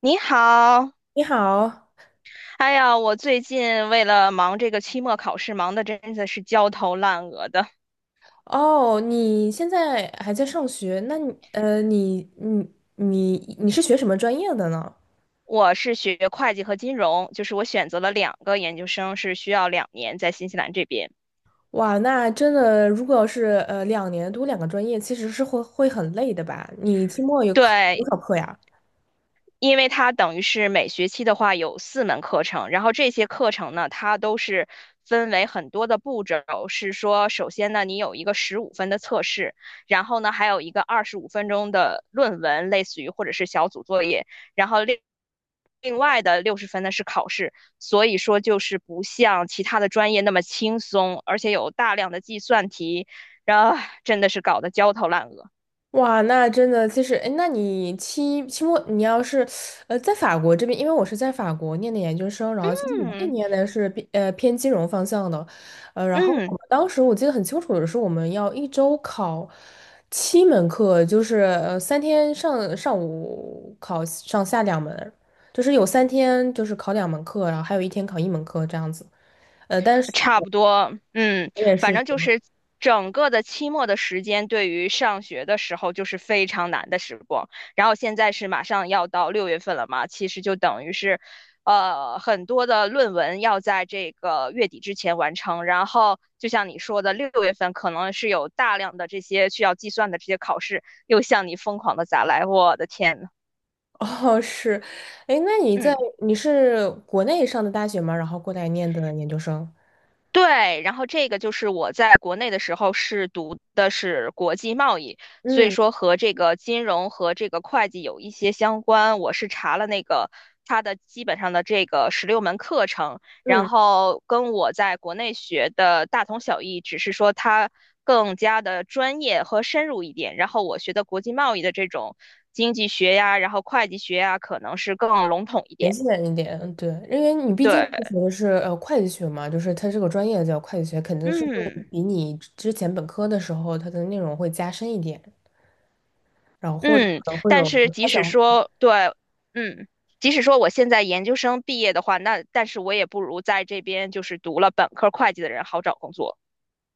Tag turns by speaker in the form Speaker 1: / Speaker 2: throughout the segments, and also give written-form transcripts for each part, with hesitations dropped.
Speaker 1: 你好，
Speaker 2: 你好。
Speaker 1: 哎呀，我最近为了忙这个期末考试，忙的真的是焦头烂额的。
Speaker 2: 哦，你现在还在上学？那你是学什么专业的呢？
Speaker 1: 我是学会计和金融，就是我选择了两个研究生，是需要2年在新西兰这边。
Speaker 2: 哇，那真的，如果要是2年读两个专业，其实是会很累的吧？你期末有考多
Speaker 1: 对，
Speaker 2: 少课呀？
Speaker 1: 因为它等于是每学期的话有4门课程，然后这些课程呢，它都是分为很多的步骤，是说首先呢，你有一个十五分的测试，然后呢，还有一个25分钟的论文，类似于或者是小组作业，然后另外的六十分呢是考试，所以说就是不像其他的专业那么轻松，而且有大量的计算题，然后真的是搞得焦头烂额。
Speaker 2: 哇，那真的其实，哎，那你期期末你要是，呃，在法国这边，因为我是在法国念的研究生。然后其实我那
Speaker 1: 嗯
Speaker 2: 年的是偏金融方向的。然后我
Speaker 1: 嗯。
Speaker 2: 们当时，我记得很清楚的是，我们要一周考七门课，就是三天上午考上下两门，就是有三天就是考两门课，然后还有一天考一门课这样子。但是
Speaker 1: 差不多，嗯，
Speaker 2: 我们也
Speaker 1: 反
Speaker 2: 是。
Speaker 1: 正就是整个的期末的时间，对于上学的时候就是非常难的时光。然后现在是马上要到六月份了嘛，其实就等于是，很多的论文要在这个月底之前完成。然后就像你说的，六月份可能是有大量的这些需要计算的这些考试，又向你疯狂的砸来，我的天呐，
Speaker 2: 哦，是。哎，那你
Speaker 1: 嗯。
Speaker 2: 你是国内上的大学吗？然后过来念的研究生？
Speaker 1: 对，然后这个就是我在国内的时候是读的是国际贸易，所以
Speaker 2: 嗯
Speaker 1: 说和这个金融和这个会计有一些相关。我是查了那个它的基本上的这个16门课程，然
Speaker 2: 嗯。
Speaker 1: 后跟我在国内学的大同小异，只是说它更加的专业和深入一点。然后我学的国际贸易的这种经济学呀，然后会计学呀，可能是更笼统一
Speaker 2: 联
Speaker 1: 点。
Speaker 2: 系人一点。嗯，对，因为你毕竟是
Speaker 1: 对，
Speaker 2: 学的是会计学嘛，就是它这个专业叫会计学，肯定是会
Speaker 1: 嗯。
Speaker 2: 比你之前本科的时候它的内容会加深一点，然后或者
Speaker 1: 嗯，
Speaker 2: 可能会
Speaker 1: 但
Speaker 2: 有
Speaker 1: 是
Speaker 2: 他
Speaker 1: 即使
Speaker 2: 想。
Speaker 1: 说对，嗯，即使说我现在研究生毕业的话，那但是我也不如在这边就是读了本科会计的人好找工作，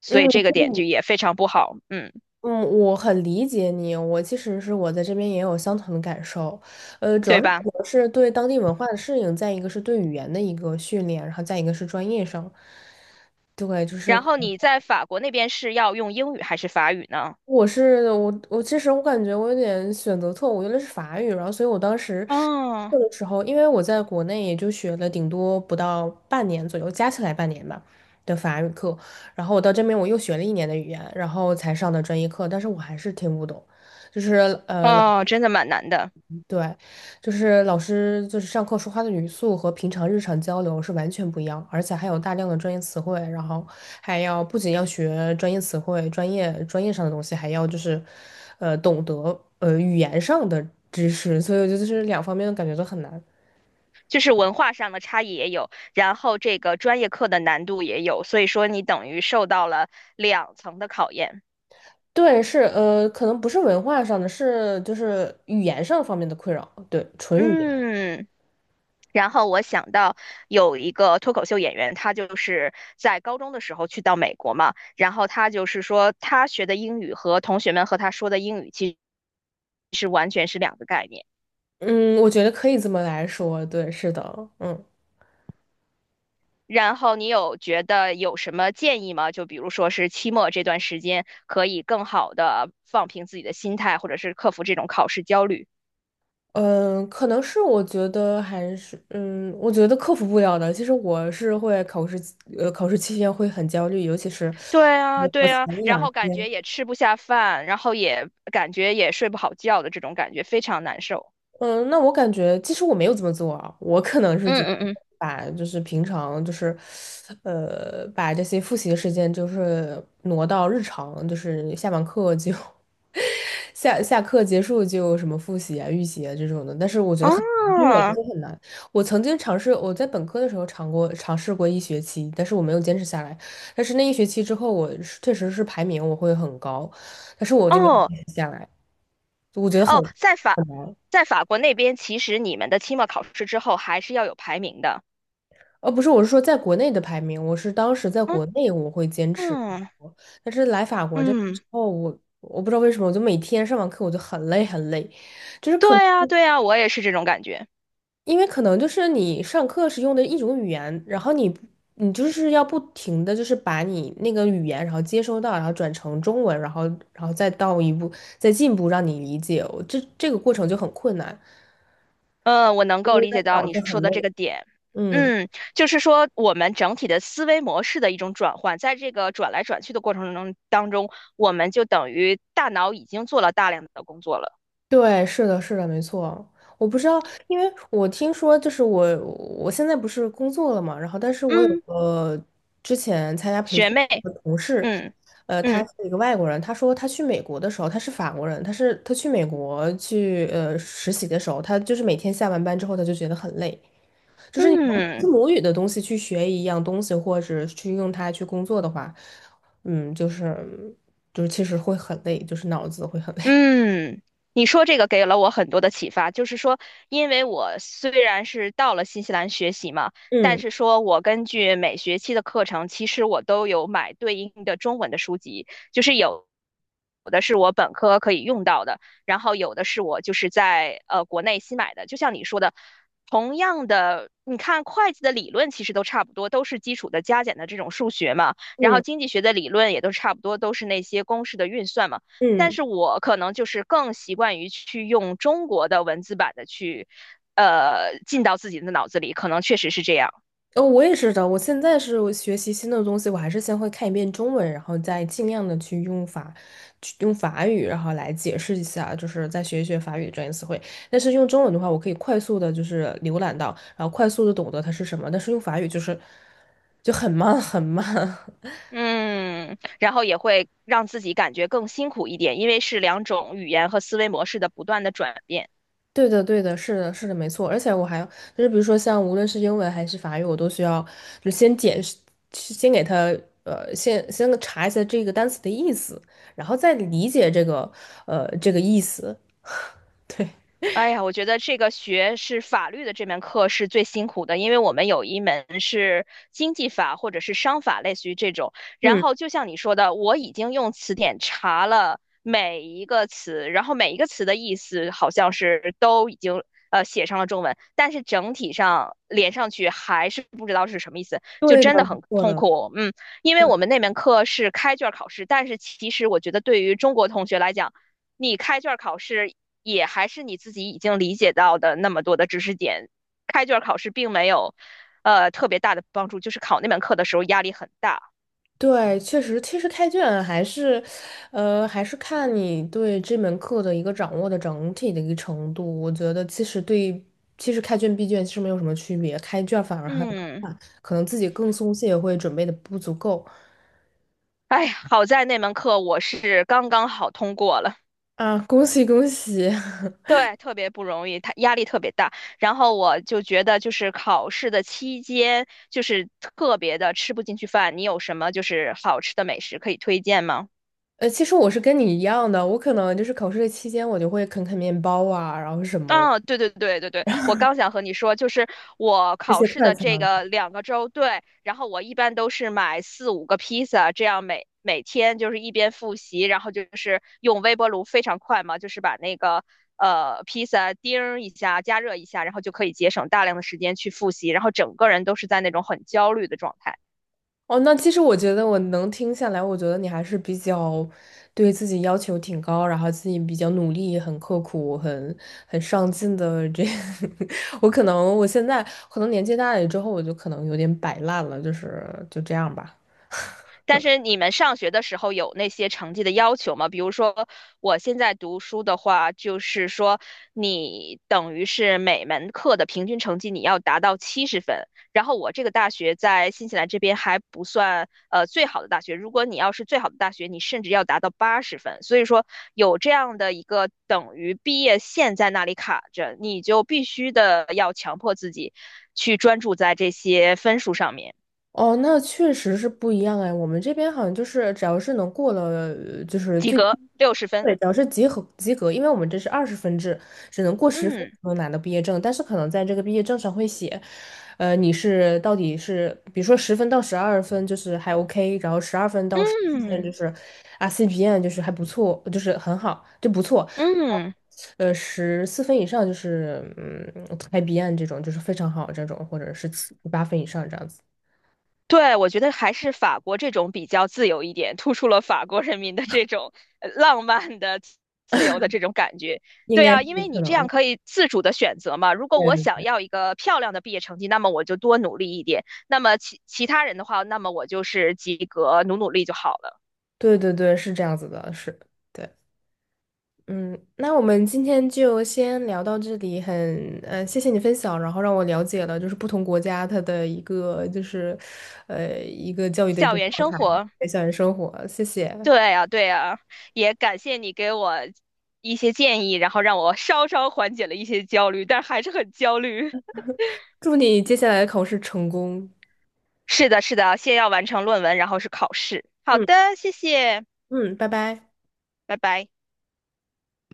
Speaker 1: 所以
Speaker 2: 嗯。
Speaker 1: 这个点就也非常不好，嗯，
Speaker 2: 嗯，我很理解你。我其实是，我在这边也有相同的感受。主要
Speaker 1: 对
Speaker 2: 是可
Speaker 1: 吧？
Speaker 2: 能是对当地文化的适应，再一个是对语言的一个训练，然后再一个是专业上。对，就是
Speaker 1: 然后你在法国那边是要用英语还是法语呢？
Speaker 2: 我是我其实我感觉我有点选择错误，用的是法语，然后所以我当时
Speaker 1: 哦
Speaker 2: 这个时候，因为我在国内也就学了顶多不到半年左右，加起来半年吧的法语课，然后我到这边我又学了一年的语言，然后才上的专业课，但是我还是听不懂。就是
Speaker 1: 哦，真的蛮难的，
Speaker 2: 对，就是老师就是上课说话的语速和平常日常交流是完全不一样，而且还有大量的专业词汇。然后还要不仅要学专业词汇、专业上的东西，还要就是，懂得语言上的知识，所以我觉得就是两方面的感觉都很难。
Speaker 1: 就是文化上的差异也有，然后这个专业课的难度也有，所以说你等于受到了两层的考验，
Speaker 2: 对，是可能不是文化上的，是就是语言上方面的困扰，对，纯语言。
Speaker 1: 嗯。然后我想到有一个脱口秀演员，他就是在高中的时候去到美国嘛，然后他就是说他学的英语和同学们和他说的英语其实是完全是两个概念。
Speaker 2: 嗯，我觉得可以这么来说，对，是的。嗯。
Speaker 1: 然后你有觉得有什么建议吗？就比如说是期末这段时间可以更好的放平自己的心态，或者是克服这种考试焦虑。
Speaker 2: 嗯，可能是我觉得还是我觉得克服不了的。其实我是会考试呃，考试期间会很焦虑，尤其是
Speaker 1: 对啊，
Speaker 2: 考
Speaker 1: 对
Speaker 2: 前
Speaker 1: 啊，
Speaker 2: 一
Speaker 1: 然
Speaker 2: 两
Speaker 1: 后感
Speaker 2: 天。
Speaker 1: 觉也吃不下饭，然后也感觉也睡不好觉的这种感觉，非常难受。
Speaker 2: 嗯，那我感觉其实我没有这么做啊，我可能是觉
Speaker 1: 嗯
Speaker 2: 得
Speaker 1: 嗯嗯。
Speaker 2: 把就是平常就是把这些复习的时间就是挪到日常，就是下完课就 下课结束就什么复习啊、预习啊这种的，但是我觉得很
Speaker 1: 哦
Speaker 2: 难，对于我来说很难。我曾经尝试，我在本科的时候尝试过一学期，但是我没有坚持下来。但是那一学期之后，我是确实是排名我会很高，但是我就没有
Speaker 1: 哦
Speaker 2: 坚持下来。我觉得很，
Speaker 1: 哦，在法国那边，其实你们的期末考试之后还是要有排名的。
Speaker 2: 不是，我是说在国内的排名，我是当时在
Speaker 1: 嗯
Speaker 2: 国内我会坚持很
Speaker 1: 嗯
Speaker 2: 多，但是来法国这边
Speaker 1: 嗯，
Speaker 2: 之后，我不知道为什么，我就每天上完课我就很累很累。就是可能。
Speaker 1: 对呀对呀，我也是这种感觉。
Speaker 2: 因为可能就是你上课是用的一种语言，然后你就是要不停的就是把你那个语言，然后接收到，然后转成中文，然后再到一步再进一步让你理解，我这个过程就很困难，
Speaker 1: 嗯，我能
Speaker 2: 就
Speaker 1: 够
Speaker 2: 会
Speaker 1: 理
Speaker 2: 让
Speaker 1: 解到
Speaker 2: 脑
Speaker 1: 你
Speaker 2: 子
Speaker 1: 说
Speaker 2: 很
Speaker 1: 的这
Speaker 2: 累。
Speaker 1: 个点。
Speaker 2: 嗯。
Speaker 1: 嗯，就是说我们整体的思维模式的一种转换，在这个转来转去的过程中当中，我们就等于大脑已经做了大量的工作了。
Speaker 2: 对，是的，是的，没错。我不知道，因为我听说，就是我现在不是工作了嘛，然后但是我有
Speaker 1: 嗯，
Speaker 2: 个之前参加培
Speaker 1: 学
Speaker 2: 训
Speaker 1: 妹，
Speaker 2: 的同事。
Speaker 1: 嗯
Speaker 2: 他
Speaker 1: 嗯
Speaker 2: 是一个外国人，他说他去美国的时候，他是法国人，他是他去美国去实习的时候，他就是每天下完班之后，他就觉得很累，就是你用
Speaker 1: 嗯。
Speaker 2: 自母语的东西去学一样东西，或者去用它去工作的话，嗯，就是其实会很累，就是脑子会很累。
Speaker 1: 嗯，你说这个给了我很多的启发，就是说，因为我虽然是到了新西兰学习嘛，但
Speaker 2: 嗯
Speaker 1: 是说我根据每学期的课程，其实我都有买对应的中文的书籍，就是有有的是我本科可以用到的，然后有的是我就是在国内新买的，就像你说的，同样的，你看会计的理论其实都差不多，都是基础的加减的这种数学嘛，然后
Speaker 2: 嗯
Speaker 1: 经济学的理论也都差不多，都是那些公式的运算嘛。但
Speaker 2: 嗯。
Speaker 1: 是我可能就是更习惯于去用中国的文字版的去，进到自己的脑子里，可能确实是这样。
Speaker 2: 哦，我也是的。我现在是我学习新的东西，我还是先会看一遍中文，然后再尽量的去用法语，然后来解释一下，就是再学一学法语的专业词汇。但是用中文的话，我可以快速的，就是浏览到，然后快速的懂得它是什么。但是用法语就是就很慢，很慢。
Speaker 1: 嗯，然后也会让自己感觉更辛苦一点，因为是两种语言和思维模式的不断的转变。
Speaker 2: 对的，对的，是的，是的，没错。而且我还就是，比如说像无论是英文还是法语，我都需要就先解释先给他呃，先查一下这个单词的意思，然后再理解这个意思。对，
Speaker 1: 哎呀，我觉得这个学是法律的这门课是最辛苦的，因为我们有一门是经济法或者是商法，类似于这种。然
Speaker 2: 嗯，
Speaker 1: 后就像你说的，我已经用词典查了每一个词，然后每一个词的意思好像是都已经写上了中文，但是整体上连上去还是不知道是什么意思，就
Speaker 2: 对的，
Speaker 1: 真的
Speaker 2: 没
Speaker 1: 很
Speaker 2: 错
Speaker 1: 痛
Speaker 2: 的。
Speaker 1: 苦。嗯，因为我们那门课是开卷考试，但是其实我觉得对于中国同学来讲，你开卷考试也还是你自己已经理解到的那么多的知识点，开卷考试并没有特别大的帮助，就是考那门课的时候压力很大。
Speaker 2: 对，确实，其实开卷还是，还是看你对这门课的一个掌握的整体的一个程度。我觉得其实对，其实开卷闭卷其实没有什么区别，开卷反而还。
Speaker 1: 嗯，
Speaker 2: 可能自己更松懈，会准备的不足够。
Speaker 1: 哎呀，好在那门课我是刚刚好通过了。
Speaker 2: 啊，恭喜恭喜！
Speaker 1: 对，特别不容易，他压力特别大。然后我就觉得，就是考试的期间，就是特别的吃不进去饭。你有什么就是好吃的美食可以推荐吗？
Speaker 2: 其实我是跟你一样的，我可能就是考试的期间，我就会啃啃面包啊，然后什么
Speaker 1: 啊，对对对对对，我刚想和你说，就是我
Speaker 2: 这
Speaker 1: 考
Speaker 2: 些
Speaker 1: 试
Speaker 2: 快
Speaker 1: 的
Speaker 2: 餐。
Speaker 1: 这个2个周，对，然后我一般都是买四五个披萨，这样每天就是一边复习，然后就是用微波炉非常快嘛，就是把那个披萨叮儿一下，加热一下，然后就可以节省大量的时间去复习，然后整个人都是在那种很焦虑的状态。
Speaker 2: 哦，那其实我觉得我能听下来，我觉得你还是比较对自己要求挺高，然后自己比较努力、很刻苦、很上进的这。我现在可能年纪大了之后，我就可能有点摆烂了，就是就这样吧。
Speaker 1: 但是你们上学的时候有那些成绩的要求吗？比如说我现在读书的话，就是说你等于是每门课的平均成绩你要达到70分。然后我这个大学在新西兰这边还不算最好的大学，如果你要是最好的大学，你甚至要达到80分。所以说有这样的一个等于毕业线在那里卡着，你就必须的要强迫自己去专注在这些分数上面，
Speaker 2: 哦，那确实是不一样哎。我们这边好像就是，只要是能过了，就是
Speaker 1: 及
Speaker 2: 最，
Speaker 1: 格六十分。
Speaker 2: 对，只要是及格及格，因为我们这是20分制，只能过十分
Speaker 1: 嗯。
Speaker 2: 才能拿到毕业证。但是可能在这个毕业证上会写，你到底是，比如说十分到十二分就是还 OK,然后12分到十四分就
Speaker 1: 嗯
Speaker 2: 是啊 CPN 就是还不错，就是很好，就不错。
Speaker 1: 嗯，
Speaker 2: 十四分以上就是IBN 这种就是非常好这种，或者是七八分以上这样子。
Speaker 1: 对，我觉得还是法国这种比较自由一点，突出了法国人民的这种浪漫的、自由的这种感觉。
Speaker 2: 应
Speaker 1: 对
Speaker 2: 该是
Speaker 1: 啊，因为
Speaker 2: 可
Speaker 1: 你这样
Speaker 2: 能，
Speaker 1: 可以自主的选择嘛。如果我想
Speaker 2: 对，
Speaker 1: 要一个漂亮的毕业成绩，那么我就多努力一点；那么其他人的话，那么我就是及格，努努力就好了。
Speaker 2: 对对对，是这样子的，是，对，嗯，那我们今天就先聊到这里，谢谢你分享，然后让我了解了就是不同国家它的一个就是，一个教育的一
Speaker 1: 校
Speaker 2: 个
Speaker 1: 园
Speaker 2: 状
Speaker 1: 生
Speaker 2: 态，
Speaker 1: 活，
Speaker 2: 对校园生活，谢谢，
Speaker 1: 对啊，对啊，也感谢你给我一些建议，然后让我稍稍缓解了一些焦虑，但还是很焦虑。
Speaker 2: 祝你接下来的考试成功。
Speaker 1: 是的，是的，先要完成论文，然后是考试。好
Speaker 2: 嗯
Speaker 1: 的，谢谢，
Speaker 2: 嗯，拜拜。
Speaker 1: 拜拜。